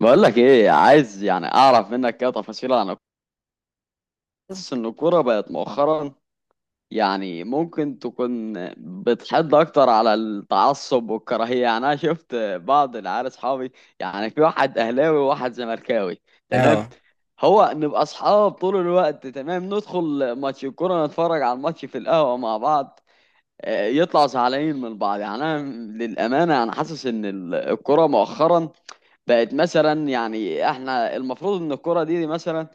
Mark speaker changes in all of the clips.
Speaker 1: بقول لك ايه، عايز يعني اعرف منك كده تفاصيل عن. حاسس ان الكوره بقت مؤخرا يعني ممكن تكون بتحد اكتر على التعصب والكراهيه. يعني انا شفت بعض العيال اصحابي، يعني في واحد اهلاوي وواحد زملكاوي، تمام.
Speaker 2: اه،
Speaker 1: هو نبقى اصحاب طول الوقت، تمام، ندخل ماتش الكوره، نتفرج على الماتش في القهوه مع بعض. يطلعوا زعلانين من بعض، يعني انا للامانه انا حاسس ان الكوره مؤخرا بقت مثلا. يعني احنا المفروض ان الكرة دي مثلا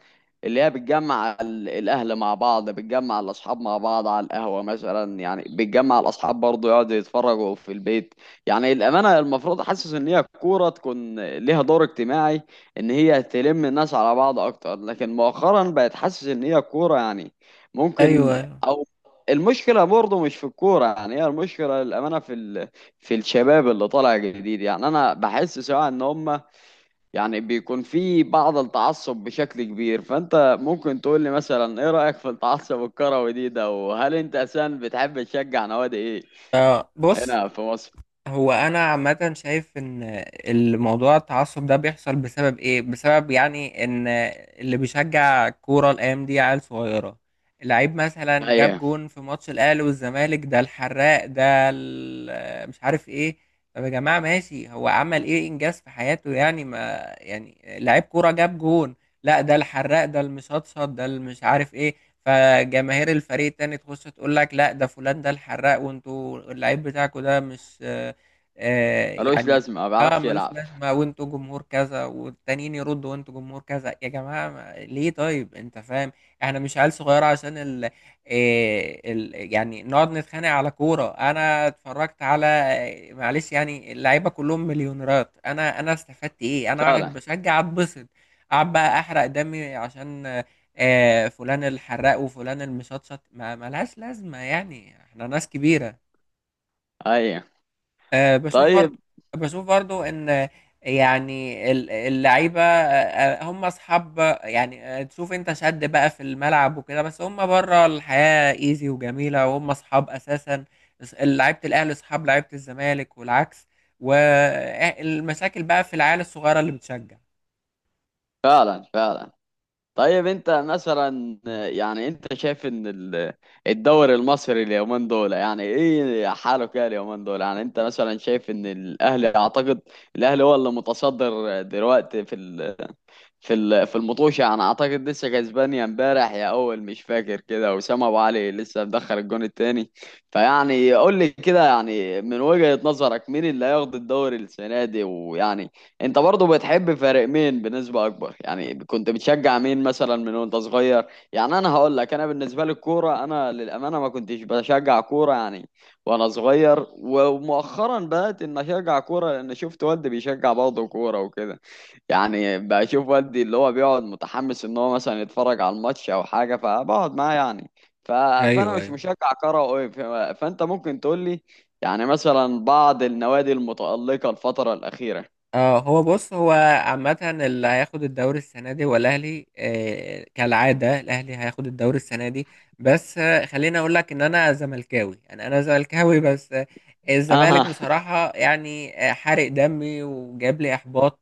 Speaker 1: اللي هي بتجمع الاهل مع بعض، بتجمع الاصحاب مع بعض على القهوة مثلا، يعني بتجمع الاصحاب برضه يقعدوا يتفرجوا في البيت. يعني الامانة المفروض حاسس ان هي الكورة تكون ليها دور اجتماعي، ان هي تلم الناس على بعض اكتر. لكن مؤخرا بقت حاسس ان هي الكورة يعني
Speaker 2: ايوه،
Speaker 1: ممكن
Speaker 2: ايوه،
Speaker 1: او المشكلة برضه مش في الكورة. يعني هي المشكلة للأمانة في الشباب اللي طالع جديد. يعني أنا بحس سواء إن هم يعني بيكون في بعض التعصب بشكل كبير. فانت ممكن تقول لي مثلا ايه رأيك في التعصب الكروي دي ده، وهل انت اساسا بتحب تشجع نوادي ايه
Speaker 2: اه، بص
Speaker 1: هنا في مصر؟
Speaker 2: هو انا عامه شايف ان الموضوع التعصب ده بيحصل بسبب ايه، بسبب يعني ان اللي بيشجع كوره الايام دي عيال صغيره. اللعيب مثلا جاب
Speaker 1: ايوه.
Speaker 2: جون في ماتش الاهلي والزمالك، ده الحراق، ده مش عارف ايه. طب يا جماعه ماشي، هو عمل ايه انجاز في حياته؟ يعني ما يعني لعيب كوره جاب جون، لا ده الحراق، ده المشطشط، ده المش عارف ايه. فجماهير الفريق التاني تخش تقول لك لا ده فلان، ده الحراق، وانتوا اللعيب بتاعكوا ده مش
Speaker 1: ملوش
Speaker 2: يعني.
Speaker 1: لازمة ما
Speaker 2: اه،
Speaker 1: بيعرفش
Speaker 2: ملوش
Speaker 1: يلعب.
Speaker 2: لازمة، وانتوا جمهور كذا، والتانيين يردوا وانتوا جمهور كذا، يا جماعة ليه؟ طيب انت فاهم، احنا مش عيال صغيرة عشان يعني نقعد نتخانق على كورة. انا اتفرجت على معلش، يعني اللعيبة كلهم مليونيرات، انا استفدت ايه؟ انا واحد
Speaker 1: فعلا.
Speaker 2: بشجع اتبسط، قاعد بقى احرق دمي عشان فلان الحراق وفلان المشطشط، ما ملهاش لازمة، يعني احنا ناس كبيرة.
Speaker 1: ايوه.
Speaker 2: أه، بشوف برضو
Speaker 1: طيب.
Speaker 2: بشوف برضو ان يعني اللعيبه أه، آه، هم اصحاب. يعني تشوف انت شد بقى في الملعب وكده، بس هم بره الحياه ايزي وجميله، وهم اصحاب اساسا. لعيبه الاهلي اصحاب لعيبه الزمالك والعكس، والمشاكل بقى في العيال الصغيره اللي بتشجع.
Speaker 1: فعلا فعلا. طيب انت مثلا يعني انت شايف ان الدوري المصري اليومين دول يعني ايه حاله كده؟ اليومين دول يعني انت مثلا شايف ان الاهلي، اعتقد الاهلي هو اللي متصدر دلوقتي في في المطوشة. أنا أعتقد لسه كسبان يا امبارح يا أول مش فاكر كده. وسام أبو علي لسه مدخل الجون التاني. فيعني قول لي كده، يعني من وجهة نظرك مين اللي هياخد الدوري السنة دي، ويعني أنت برضه بتحب فريق مين بنسبة أكبر؟ يعني كنت بتشجع مين مثلا من وأنت صغير؟ يعني أنا هقول لك، أنا بالنسبة لي الكورة، أنا للأمانة ما كنتش بشجع كورة يعني وأنا صغير. ومؤخرا بدأت إن أشجع كورة لأن شفت والدي بيشجع برضه كورة وكده. يعني بشوف والدي اللي هو بيقعد متحمس ان هو مثلا يتفرج على الماتش او حاجه فبقعد معاه يعني. ف... فانا
Speaker 2: ايوه،
Speaker 1: مش
Speaker 2: ايوه،
Speaker 1: مشجع كروي أوي. فانت ممكن تقول لي يعني مثلا بعض النوادي المتالقه الفتره الاخيره.
Speaker 2: اه، هو بص هو عامة اللي هياخد الدوري السنة دي هو الأهلي، كالعادة الأهلي هياخد الدوري السنة دي. بس خليني أقول لك إن أنا زملكاوي، يعني أنا زملكاوي. بس الزمالك
Speaker 1: اه.
Speaker 2: بصراحة يعني حارق دمي وجاب لي إحباط.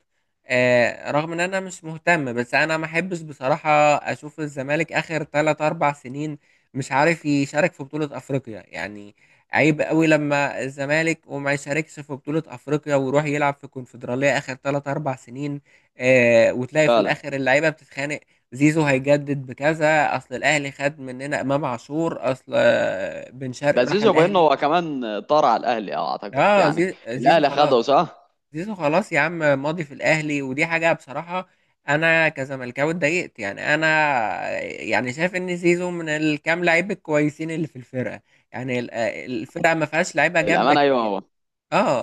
Speaker 2: رغم إن أنا مش مهتم، بس أنا ما أحبش بصراحة أشوف الزمالك آخر 3 أربع سنين مش عارف يشارك في بطولة أفريقيا. يعني عيب قوي لما الزمالك وما يشاركش في بطولة أفريقيا ويروح يلعب في الكونفدرالية آخر 3 أربع سنين. وتلاقي في
Speaker 1: فعلا.
Speaker 2: الآخر اللعيبة بتتخانق. زيزو هيجدد بكذا، أصل الأهلي خد مننا إمام عاشور، أصل بن شرقي
Speaker 1: ده
Speaker 2: راح
Speaker 1: زيزو بانه
Speaker 2: الأهلي.
Speaker 1: هو كمان طار على الاهلي أو اعتقد يعني.
Speaker 2: زيزو
Speaker 1: الاهلي
Speaker 2: خلاص،
Speaker 1: خده، صح؟
Speaker 2: زيزو خلاص يا عم، ماضي في الأهلي، ودي حاجة بصراحة أنا كزملكاوي اتضايقت، يعني أنا يعني شايف إن زيزو من الكام لعيب الكويسين اللي في الفرقة. يعني الفرقة ما فيهاش لعيبة جامدة
Speaker 1: الامانه ايوه
Speaker 2: كتير.
Speaker 1: هو.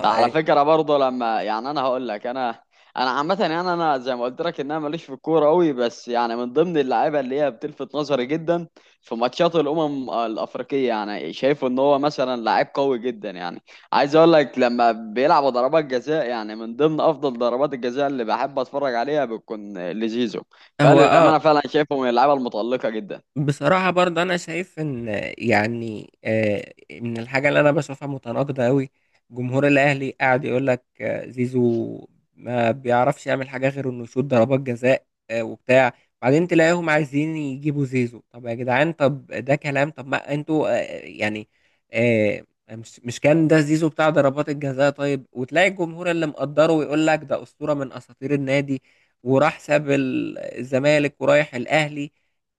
Speaker 1: ده على فكرة برضه لما يعني انا هقول لك، انا عامة يعني انا زي ما قلت لك ان انا ماليش في الكورة قوي، بس يعني من ضمن اللعيبة اللي هي بتلفت نظري جدا في ماتشات الامم الافريقية. يعني شايفه ان هو مثلا لعيب قوي جدا. يعني عايز اقول لك، لما بيلعب ضربات جزاء، يعني من ضمن افضل ضربات الجزاء اللي بحب اتفرج عليها بتكون لزيزو.
Speaker 2: هو
Speaker 1: فللأمانة فعلا شايفه من اللعيبة المتألقة جدا.
Speaker 2: بصراحة برضه أنا شايف إن يعني من الحاجة اللي أنا بشوفها متناقضة أوي، جمهور الأهلي قاعد يقول لك زيزو ما بيعرفش يعمل حاجة غير إنه يشوط ضربات جزاء وبتاع. بعدين تلاقيهم عايزين يجيبوا زيزو. طب يا جدعان، طب ده كلام؟ طب ما أنتوا آه، مش كان ده زيزو بتاع ضربات الجزاء؟ طيب وتلاقي الجمهور اللي مقدره ويقول لك ده أسطورة من أساطير النادي، وراح ساب الزمالك ورايح الأهلي.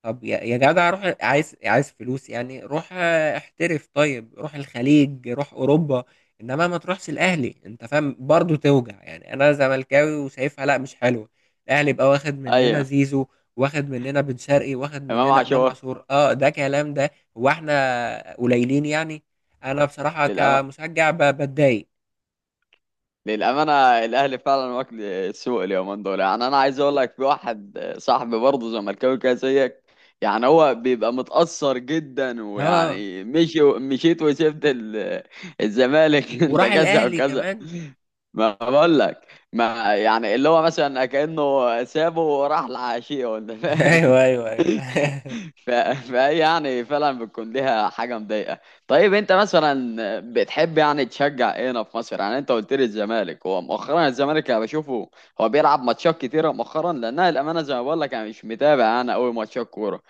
Speaker 2: طب يا جدع، روح، عايز فلوس يعني، روح احترف، طيب روح الخليج، روح اوروبا. انما ما تروحش الاهلي، انت فاهم برضو توجع، يعني انا زملكاوي وشايفها لا مش حلوه. الاهلي بقى واخد مننا
Speaker 1: ايوه،
Speaker 2: زيزو، واخد مننا بن شرقي، واخد
Speaker 1: امام
Speaker 2: مننا امام
Speaker 1: عاشور.
Speaker 2: عاشور. اه، ده كلام ده؟ هو احنا قليلين يعني؟ انا بصراحه
Speaker 1: للأمانة
Speaker 2: كمشجع بتضايق.
Speaker 1: للأمانة الأهلي فعلا واكل السوق اليومين دول. يعني أنا عايز أقول لك، في واحد صاحبي برضه زملكاوي كده زيك، يعني هو بيبقى متأثر جدا،
Speaker 2: اه،
Speaker 1: ويعني مشي مشيت وسبت الزمالك أنت
Speaker 2: وراح
Speaker 1: كذا
Speaker 2: الاهلي
Speaker 1: وكذا.
Speaker 2: كمان.
Speaker 1: ما بقول لك، ما يعني اللي هو مثلا كأنه سابه وراح لعشية، ولا فاهم؟
Speaker 2: ايوه، ايوه، ايوه.
Speaker 1: ف... فهي يعني فعلا بتكون ليها حاجة مضايقة. طيب انت مثلا بتحب يعني تشجع ايه هنا في مصر؟ يعني انت قلت لي الزمالك. هو مؤخرا الزمالك انا بشوفه هو بيلعب ماتشات كتيرة مؤخرا، لانها الامانة زي ما بقول لك انا مش متابع انا قوي ماتشات كورة.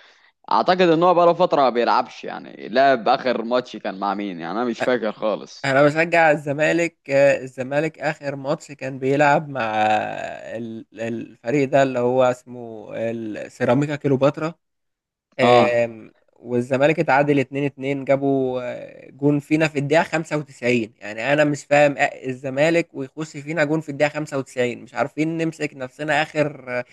Speaker 1: اعتقد ان هو بقاله فترة ما بيلعبش. يعني لعب اخر ماتش كان مع مين؟ يعني انا مش فاكر خالص.
Speaker 2: انا بشجع الزمالك. الزمالك اخر ماتش كان بيلعب مع الفريق ده اللي هو اسمه السيراميكا كليوباترا.
Speaker 1: اه،
Speaker 2: والزمالك اتعادل 2-2، جابوا جون فينا في الدقيقة 95. يعني انا مش فاهم الزمالك ويخش فينا جون في الدقيقة 95، مش عارفين نمسك نفسنا اخر آه،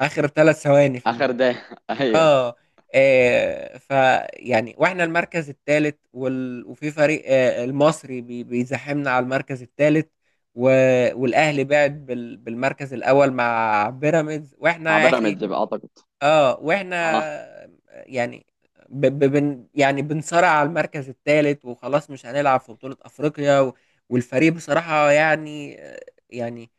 Speaker 2: اخر ثلاث ثواني في
Speaker 1: اخر
Speaker 2: الماتش.
Speaker 1: ده ايوه.
Speaker 2: اه، آه، ف يعني واحنا المركز الثالث، وفي فريق المصري بيزاحمنا على المركز الثالث، و... والاهلي بعد بالمركز الاول مع بيراميدز،
Speaker 1: مع
Speaker 2: واحنا يا اخي.
Speaker 1: بيراميدز بقى اعتقد.
Speaker 2: اه، واحنا
Speaker 1: اه.
Speaker 2: يعني يعني بنصارع على المركز الثالث وخلاص، مش هنلعب في بطولة افريقيا، والفريق بصراحة يعني يعني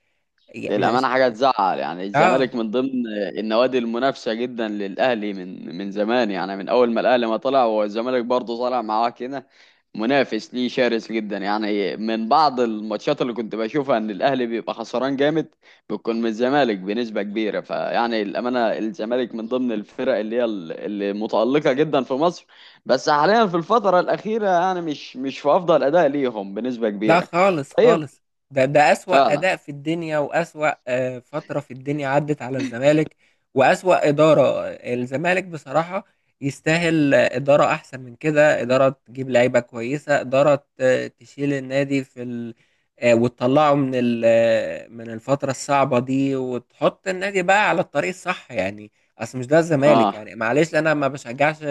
Speaker 2: مش...
Speaker 1: للأمانة، حاجة تزعل يعني.
Speaker 2: اه،
Speaker 1: الزمالك من ضمن النوادي المنافسة جدا للأهلي من زمان. يعني من أول ما الأهلي ما طلع والزمالك برضه طلع معاه كده منافس ليه شرس جدا. يعني من بعض الماتشات اللي كنت بشوفها إن الأهلي بيبقى خسران جامد بتكون من الزمالك بنسبة كبيرة. فيعني الأمانة الزمالك من ضمن الفرق اللي هي اللي متألقة جدا في مصر. بس حاليا في الفترة الأخيرة يعني مش في أفضل أداء ليهم بنسبة
Speaker 2: لا،
Speaker 1: كبيرة.
Speaker 2: خالص
Speaker 1: طيب.
Speaker 2: خالص. ده أسوأ
Speaker 1: فعلا.
Speaker 2: أداء في الدنيا، وأسوأ فترة في الدنيا عدت على الزمالك، وأسوأ إدارة الزمالك بصراحة. يستاهل إدارة أحسن من كده، إدارة تجيب لعيبة كويسة، إدارة تشيل النادي في ال... آه، وتطلعه من ال... آه، من الفترة الصعبة دي، وتحط النادي بقى على الطريق الصح يعني. أصل مش ده الزمالك،
Speaker 1: اه،
Speaker 2: يعني معلش أنا ما بشجعش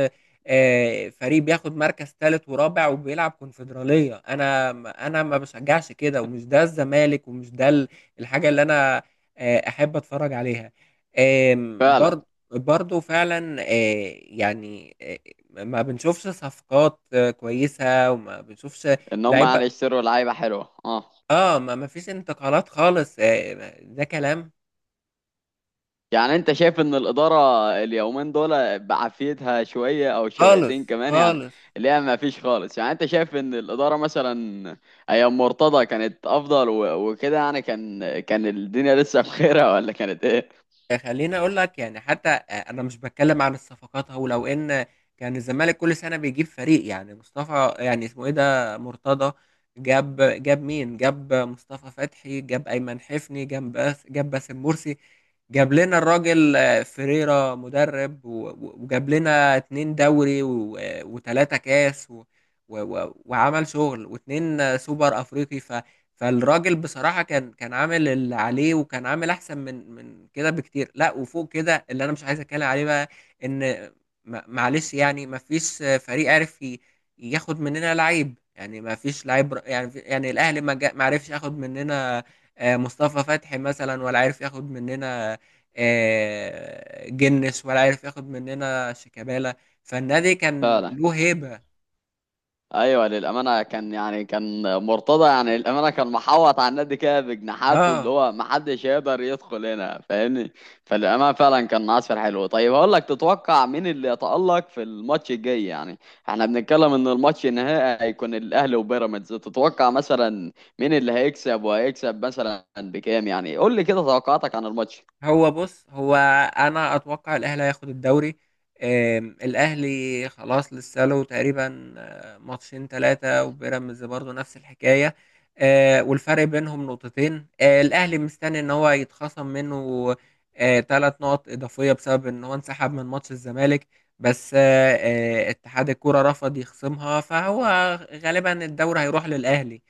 Speaker 2: فريق بياخد مركز ثالث ورابع وبيلعب كونفدرالية. انا ما بشجعش كده، ومش ده الزمالك، ومش ده الحاجة اللي انا احب اتفرج عليها.
Speaker 1: فعلا.
Speaker 2: برضه فعلا يعني ما بنشوفش صفقات كويسة، وما بنشوفش
Speaker 1: ان هم يعني
Speaker 2: لعيبة.
Speaker 1: يشتروا لعيبه حلوه، اه.
Speaker 2: اه، ما فيش انتقالات خالص. ده كلام؟
Speaker 1: يعني انت شايف ان الاداره اليومين دول بعافيتها شويه او
Speaker 2: خالص
Speaker 1: شويتين كمان يعني،
Speaker 2: خالص.
Speaker 1: اللي هي ما فيش خالص؟ يعني انت شايف ان الاداره مثلا ايام مرتضى كانت افضل وكده؟ يعني كان الدنيا لسه بخيرها، ولا كانت ايه؟
Speaker 2: خليني اقول لك يعني حتى انا مش بتكلم عن الصفقات. هو لو ان كان الزمالك كل سنه بيجيب فريق، يعني مصطفى، يعني اسمه ايه، ده مرتضى. جاب مين؟ جاب مصطفى فتحي، جاب ايمن حفني، جاب باسم مرسي، جاب لنا الراجل فريرة مدرب، وجاب لنا اتنين دوري، وتلاتة كاس، و- وعمل شغل، واتنين سوبر افريقي. فالراجل بصراحة كان عامل اللي عليه، وكان عامل أحسن من كده بكتير. لا، وفوق كده اللي أنا مش عايز أتكلم عليه بقى، إن معلش، يعني ما فيش فريق عارف ياخد مننا لعيب. يعني ما فيش لعيب، يعني يعني الأهلي ما عرفش ياخد مننا مصطفى فتحي مثلا، ولا عارف ياخد مننا جنس، ولا عارف ياخد مننا شيكابالا. فالنادي كان
Speaker 1: فعلا.
Speaker 2: له هيبة.
Speaker 1: ايوه للامانه كان يعني كان مرتضى، يعني للامانه كان محوط على النادي كده بجناحاته اللي
Speaker 2: اه،
Speaker 1: هو ما حدش يقدر يدخل هنا، فاهمني؟ فالامانه فعلا كان عصفر حلو. طيب هقول لك، تتوقع مين اللي يتالق في الماتش الجاي يعني؟ احنا بنتكلم ان الماتش النهائي هيكون الاهلي وبيراميدز. تتوقع مثلا مين اللي هيكسب، وهيكسب مثلا بكام؟ يعني قول لي كده توقعاتك عن الماتش.
Speaker 2: هو بص هو انا اتوقع الاهلي هياخد الدوري. الاهلي خلاص لسه له تقريبا ماتشين ثلاثه، وبيراميدز برضه نفس الحكايه. والفرق بينهم نقطتين. الاهلي مستني ان هو يتخصم منه ثلاث نقط اضافيه بسبب ان هو انسحب من ماتش الزمالك، بس اتحاد الكوره رفض يخصمها، فهو غالبا الدوري هيروح للأهلي.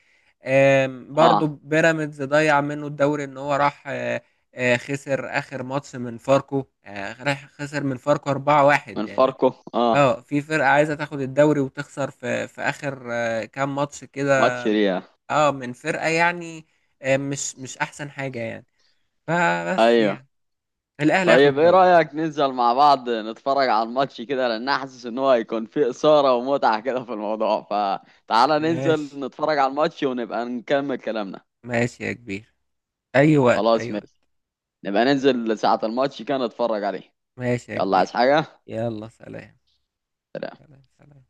Speaker 2: برضو
Speaker 1: اه،
Speaker 2: بيراميدز ضيع منه الدوري، ان هو راح خسر اخر ماتش من فاركو. راح خسر من فاركو 4-1.
Speaker 1: من
Speaker 2: يعني
Speaker 1: فاركو. اه،
Speaker 2: اه، في فرقة عايزة تاخد الدوري وتخسر في اخر كام ماتش كده،
Speaker 1: ماتش ريال.
Speaker 2: اه، من فرقة يعني مش احسن حاجة يعني، فبس
Speaker 1: ايوه.
Speaker 2: يعني الاهلي هياخد
Speaker 1: طيب، ايه
Speaker 2: الدوري.
Speaker 1: رأيك ننزل مع بعض نتفرج على الماتش كده؟ لان انا حاسس ان هو هيكون فيه إثارة ومتعة كده في الموضوع. فتعالى ننزل
Speaker 2: ماشي،
Speaker 1: نتفرج على الماتش، ونبقى نكمل كلامنا.
Speaker 2: ماشي يا كبير، اي وقت،
Speaker 1: خلاص
Speaker 2: اي وقت.
Speaker 1: ماشي. نبقى ننزل ساعة الماتش كده نتفرج عليه.
Speaker 2: ماشي يا
Speaker 1: يلا، عايز
Speaker 2: كبير.
Speaker 1: حاجة؟
Speaker 2: يلا، سلام.
Speaker 1: سلام.
Speaker 2: سلام، سلام.